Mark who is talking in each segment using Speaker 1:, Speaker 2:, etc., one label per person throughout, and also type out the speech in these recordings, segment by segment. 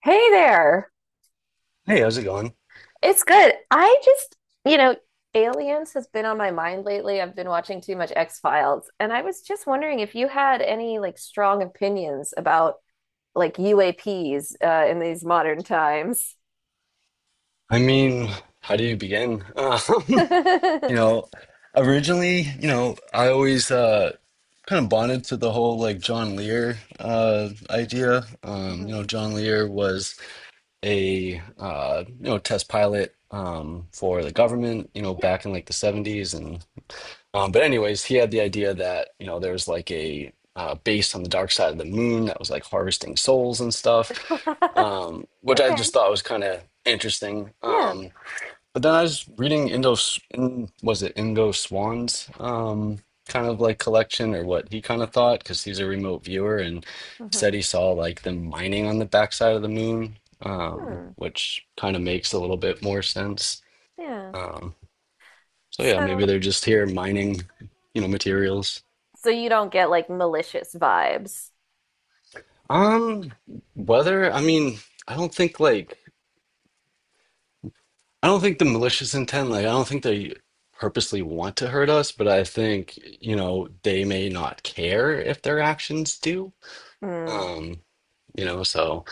Speaker 1: Hey there.
Speaker 2: Hey, how's it going?
Speaker 1: It's good. I just, you know, Aliens has been on my mind lately. I've been watching too much X-Files, and I was just wondering if you had any like strong opinions about like UAPs in these modern times.
Speaker 2: I mean, how do you begin? You
Speaker 1: Mhm.
Speaker 2: know, originally, I always kind of bonded to the whole like John Lear idea. John Lear was a test pilot for the
Speaker 1: Mhm.
Speaker 2: government,
Speaker 1: Yeah.
Speaker 2: back in like the 70s and. But anyways, he had the idea that, there was like a base on the dark side of the moon that was like harvesting souls and stuff, which I
Speaker 1: Okay.
Speaker 2: just thought was kind of interesting.
Speaker 1: Yeah.
Speaker 2: But then I was reading was it Indo Swan's kind of like collection or what he kind of thought, because he's a remote viewer and said
Speaker 1: Hmm.
Speaker 2: he saw like them mining on the backside of the moon,
Speaker 1: Hmm.
Speaker 2: which kind of makes a little bit more sense.
Speaker 1: Yeah.
Speaker 2: Um, so yeah, maybe
Speaker 1: So,
Speaker 2: they're just here mining, materials.
Speaker 1: so you don't get like malicious vibes.
Speaker 2: Um, whether I mean, I don't think like I don't think the malicious intent, like I don't think they purposely want to hurt us, but I think, they may not care if their actions do.
Speaker 1: Mm.
Speaker 2: Um, so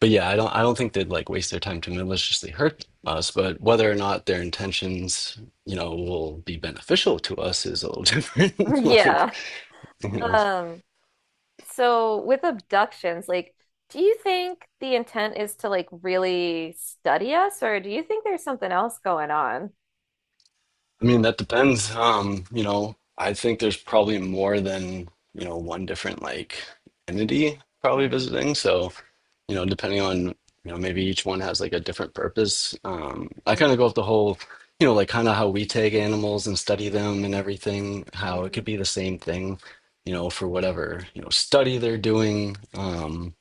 Speaker 2: but yeah, I don't think they'd like waste their time to maliciously hurt us, but whether or not their intentions, will be beneficial to us is a little different. Like,
Speaker 1: Yeah.
Speaker 2: you know.
Speaker 1: Um, So with abductions, like, do you think the intent is to like really study us, or do you think there's something else going on?
Speaker 2: I mean, that depends. I think there's probably more than, one different like entity probably
Speaker 1: Hmm.
Speaker 2: visiting. So, depending on, maybe each one has like a different purpose. I kind of go
Speaker 1: Hmm.
Speaker 2: with the whole, like kind of how we take animals and study them and everything, how it
Speaker 1: Hmm.
Speaker 2: could be the same thing, for whatever, study they're doing.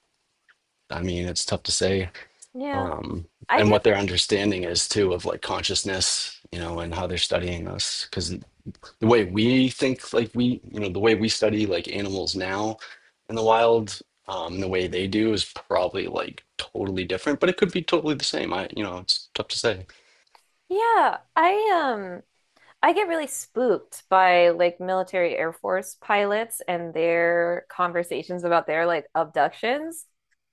Speaker 2: I mean, it's tough to say.
Speaker 1: Yeah,
Speaker 2: Um,
Speaker 1: I
Speaker 2: and
Speaker 1: get.
Speaker 2: what their understanding is too of like consciousness and how they're studying us, because the way we think, like we you know the way we study like animals now in the wild. The way they do is probably like totally different, but it could be totally the same. I you know it's tough to say.
Speaker 1: Yeah, I get really spooked by like military Air Force pilots and their conversations about their like abductions,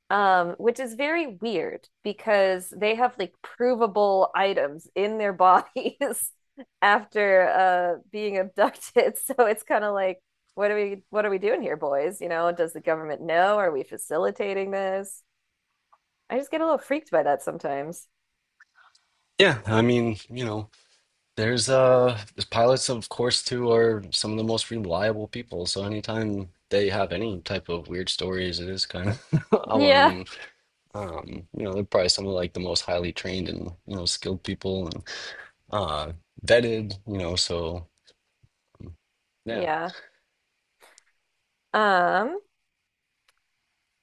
Speaker 1: which is very weird because they have like provable items in their bodies after being abducted. So it's kind of like, what are we doing here, boys? You know, does the government know? Are we facilitating this? I just get a little freaked by that sometimes.
Speaker 2: Yeah, I mean, there's pilots, of course, too are some of the most reliable people, so anytime they have any type of weird stories, it is kind of
Speaker 1: Yeah.
Speaker 2: alarming. They're probably some of like the most highly trained and skilled people, and uh vetted, so yeah.
Speaker 1: Yeah. Um,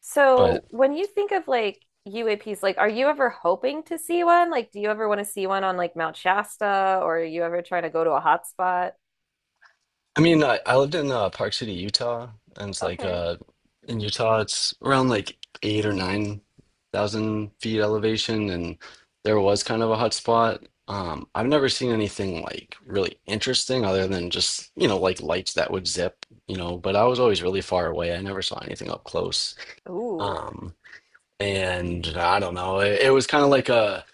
Speaker 1: So
Speaker 2: But
Speaker 1: when you think of like UAPs, like are you ever hoping to see one? Like do you ever want to see one on like Mount Shasta or are you ever trying to go to a hot spot?
Speaker 2: I mean, I lived in Park City, Utah, and it's like
Speaker 1: Okay.
Speaker 2: in Utah, it's around like eight or nine thousand feet elevation, and there was kind of a hot spot. I've never seen anything like really interesting other than just, like lights that would zip, but I was always really far away. I never saw anything up close.
Speaker 1: Ooh.
Speaker 2: Um, and I don't know, it was kind of like a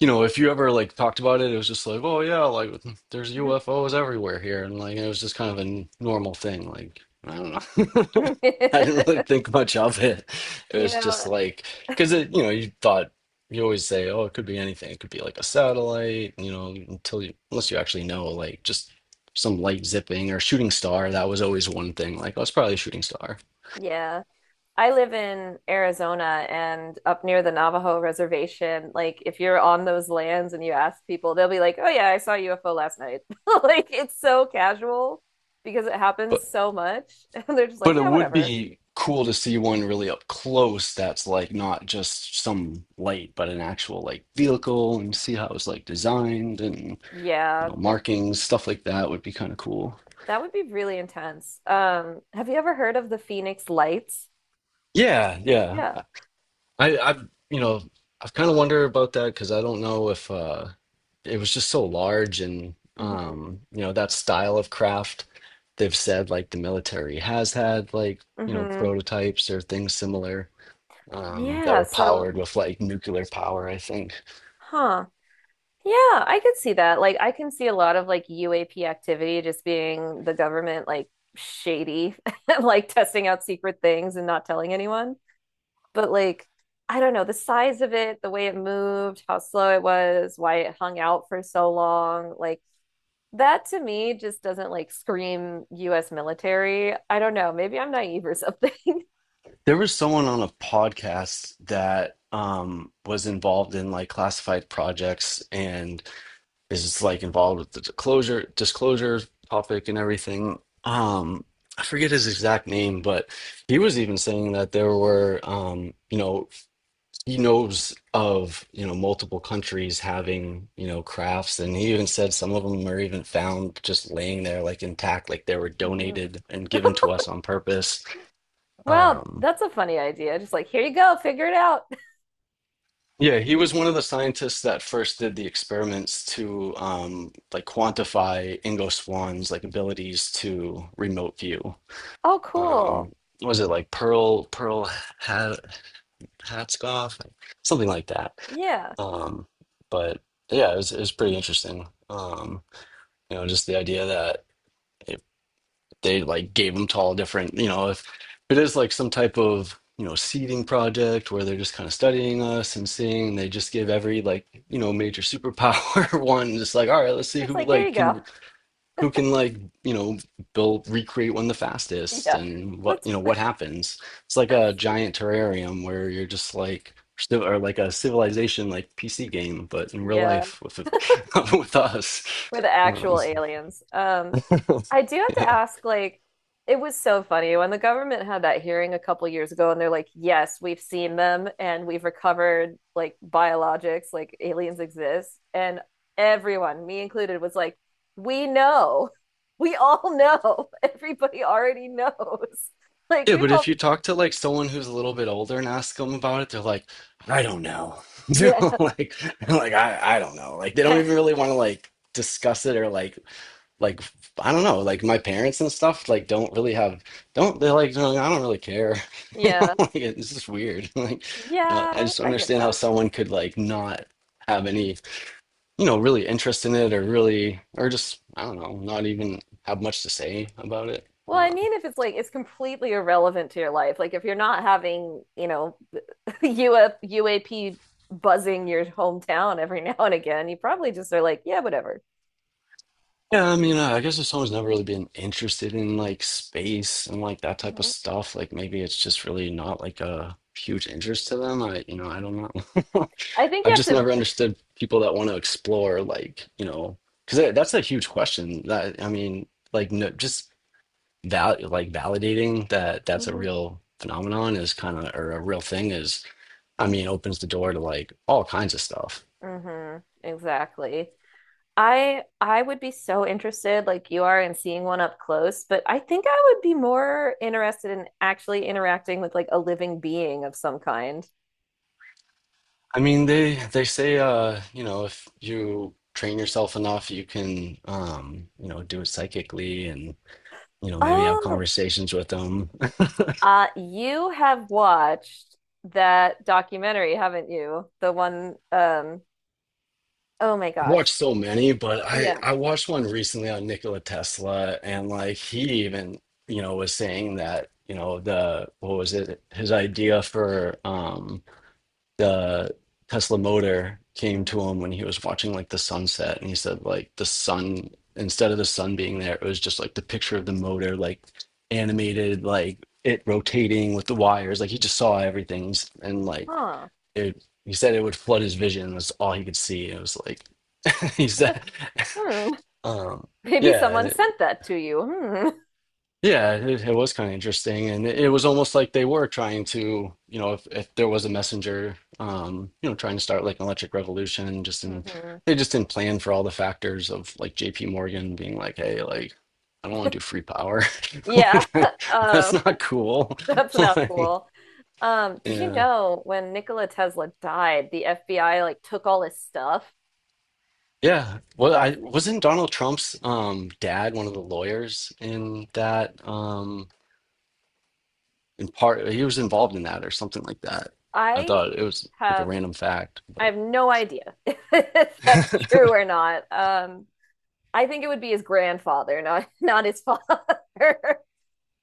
Speaker 2: you know, if you ever like talked about it, it was just like, oh yeah, like there's UFOs everywhere here, and like it was just kind of a normal thing. Like I don't know, I didn't really think much of it. It
Speaker 1: You
Speaker 2: was just
Speaker 1: know,
Speaker 2: like because it, you always say, oh, it could be anything. It could be like a satellite, until you unless you actually know, like just some light zipping or shooting star. That was always one thing. Like oh, it's probably a shooting star.
Speaker 1: yeah. I live in Arizona and up near the Navajo reservation, like if you're on those lands and you ask people, they'll be like, "Oh yeah, I saw a UFO last night." Like it's so casual because it happens so much. And they're just like,
Speaker 2: But it
Speaker 1: "Yeah,
Speaker 2: would
Speaker 1: whatever."
Speaker 2: be cool to see one really up close that's like not just some light, but an actual like vehicle and see how it was like designed, and
Speaker 1: Yeah.
Speaker 2: markings, stuff like that would be kind of cool.
Speaker 1: That would be really intense. Have you ever heard of the Phoenix Lights?
Speaker 2: Yeah, yeah.
Speaker 1: Yeah.
Speaker 2: I I've you know, I've kind of wondered about that, because I don't know if it was just so large. And
Speaker 1: Hmm.
Speaker 2: that style of craft, they've said like the military has had like
Speaker 1: Hmm.
Speaker 2: prototypes or things similar, that
Speaker 1: Yeah,
Speaker 2: were
Speaker 1: so,
Speaker 2: powered with like nuclear power, I think.
Speaker 1: huh. Yeah, I could see that. Like, I can see a lot of like UAP activity just being the government like shady, like testing out secret things and not telling anyone. But like, I don't know, the size of it, the way it moved, how slow it was, why it hung out for so long, like that to me just doesn't like scream US military. I don't know. Maybe I'm naive or something.
Speaker 2: There was someone on a podcast that was involved in like classified projects and is like involved with the disclosure topic and everything. Um, I forget his exact name, but he was even saying that there were, he knows of multiple countries having crafts, and he even said some of them are even found just laying there, like intact, like they were
Speaker 1: Mhm.
Speaker 2: donated and given to us on purpose.
Speaker 1: Well,
Speaker 2: um
Speaker 1: that's a funny idea. Just like, here you go, figure it out.
Speaker 2: yeah he was one of the scientists that first did the experiments to like quantify Ingo Swann's like abilities to remote view.
Speaker 1: Oh, cool.
Speaker 2: um was it like Pearl had. Hatsk off, like, something like that.
Speaker 1: Yeah.
Speaker 2: Um, but yeah, it was pretty interesting. Just the idea that, if they like gave them to all different, if it is like some type of, seeding project where they're just kind of studying us and seeing, they just give every like, major superpower one, just like, all right, let's see
Speaker 1: It's like, here you go.
Speaker 2: who can like you know build recreate one the fastest,
Speaker 1: Yeah.
Speaker 2: and what
Speaker 1: Let's,
Speaker 2: what happens. It's like a
Speaker 1: that's,
Speaker 2: giant terrarium where you're just like, or like a civilization like pc game but in real
Speaker 1: yeah.
Speaker 2: life with with us.
Speaker 1: We're the
Speaker 2: um,
Speaker 1: actual aliens. I do have to
Speaker 2: yeah,
Speaker 1: ask, like, it was so funny when the government had that hearing a couple years ago, and they're like, yes, we've seen them and we've recovered like biologics, like aliens exist. And everyone, me included, was like, we know. We all know. Everybody already knows. Like,
Speaker 2: yeah.
Speaker 1: we've
Speaker 2: But if
Speaker 1: all,
Speaker 2: you talk to like someone who's a little bit older and ask them about it, they're like, I don't know.
Speaker 1: yeah.
Speaker 2: Like they're like, I don't know. Like they don't even really want to like discuss it, or like, like I don't know, like my parents and stuff like don't really have, don't they're like, "No, I don't really care."
Speaker 1: Yeah.
Speaker 2: Like, it's just weird. Like I
Speaker 1: Yeah,
Speaker 2: just don't
Speaker 1: I get
Speaker 2: understand how
Speaker 1: that.
Speaker 2: someone could like not have any, really interest in it, or really, or just I don't know, not even have much to say about it.
Speaker 1: Well,
Speaker 2: Uh,
Speaker 1: I mean, if it's like it's completely irrelevant to your life, like if you're not having, you know, the UAP buzzing your hometown every now and again, you probably just are like, yeah, whatever.
Speaker 2: yeah, I mean, I guess if someone's never really been interested in like space and like that type of
Speaker 1: Mhm.
Speaker 2: stuff, like maybe it's just really not like a huge interest to them. I don't know.
Speaker 1: I think you
Speaker 2: I've
Speaker 1: have
Speaker 2: just
Speaker 1: to
Speaker 2: never understood people that want to explore, like, because that's a huge question. That I mean, like, no, just val like validating that that's a
Speaker 1: Mhm.
Speaker 2: real phenomenon is kind of, or a real thing is, I mean, opens the door to like all kinds of stuff.
Speaker 1: Hmm. Exactly. I would be so interested, like you are, in seeing one up close, but I think I would be more interested in actually interacting with like a living being of some kind.
Speaker 2: I mean, they say, if you train yourself enough, you can, do it psychically and, maybe have
Speaker 1: Oh,
Speaker 2: conversations with them.
Speaker 1: uh, you have watched that documentary, haven't you? The one, oh my
Speaker 2: I've watched
Speaker 1: gosh.
Speaker 2: so many, but I
Speaker 1: Yeah.
Speaker 2: I watched one recently on Nikola Tesla, and like he even was saying that the what was it his idea for the Tesla motor came to
Speaker 1: Hmm.
Speaker 2: him when he was watching like the sunset. And he said like the sun instead of the sun being there, it was just like the picture of the motor like animated, like it rotating with the wires, like he just saw everything and like
Speaker 1: Huh.
Speaker 2: it. He said it would flood his vision. That's all he could see. It was like. He's that.
Speaker 1: Hmm.
Speaker 2: Um,
Speaker 1: Maybe
Speaker 2: yeah,
Speaker 1: someone sent that to you. Hmm.
Speaker 2: yeah, it was kind of interesting, and it was almost like they were trying to, if there was a messenger, trying to start like an electric revolution, just in
Speaker 1: Mhm.
Speaker 2: they just didn't plan for all the factors of like J.P. Morgan being like, hey, like I don't want to do free power,
Speaker 1: Yeah,
Speaker 2: Like,
Speaker 1: um,
Speaker 2: that's not cool.
Speaker 1: that's not
Speaker 2: Like,
Speaker 1: cool. Did you
Speaker 2: yeah,
Speaker 1: know when Nikola Tesla died, the FBI like took all his stuff?
Speaker 2: yeah. Well,
Speaker 1: That's
Speaker 2: I
Speaker 1: like,
Speaker 2: wasn't Donald Trump's dad one of the lawyers in that? In part he was involved in that or something like that. I
Speaker 1: I
Speaker 2: thought it was like a
Speaker 1: have
Speaker 2: random fact,
Speaker 1: I
Speaker 2: but
Speaker 1: have no idea if that's true or not. I think it would be his grandfather, not not his father.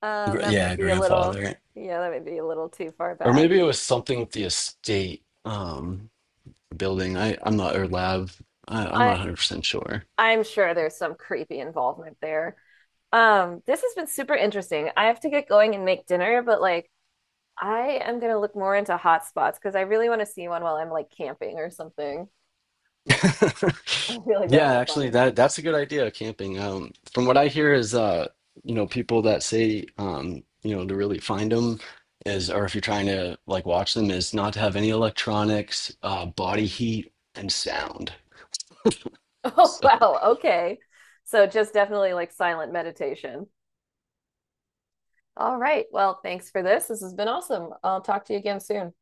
Speaker 1: Um, that
Speaker 2: Yeah,
Speaker 1: might be a little,
Speaker 2: grandfather,
Speaker 1: yeah, that might be a little too far
Speaker 2: or
Speaker 1: back.
Speaker 2: maybe it was something with the estate building. I I'm not, or lab. I'm not
Speaker 1: I
Speaker 2: 100% sure.
Speaker 1: I'm sure there's some creepy involvement there. This has been super interesting. I have to get going and make dinner, but like I am gonna look more into hot spots because I really want to see one while I'm like camping or something. I feel like that'd
Speaker 2: Yeah,
Speaker 1: be
Speaker 2: actually,
Speaker 1: fun.
Speaker 2: that's a good idea. Camping. From what I hear is people that say to really find them is, or if you're trying to like watch them, is not to have any electronics, body
Speaker 1: Mhm.
Speaker 2: heat, and sound.
Speaker 1: Oh,
Speaker 2: So
Speaker 1: wow. Okay. So just definitely like silent meditation. All right. Well, thanks for this. This has been awesome. I'll talk to you again soon.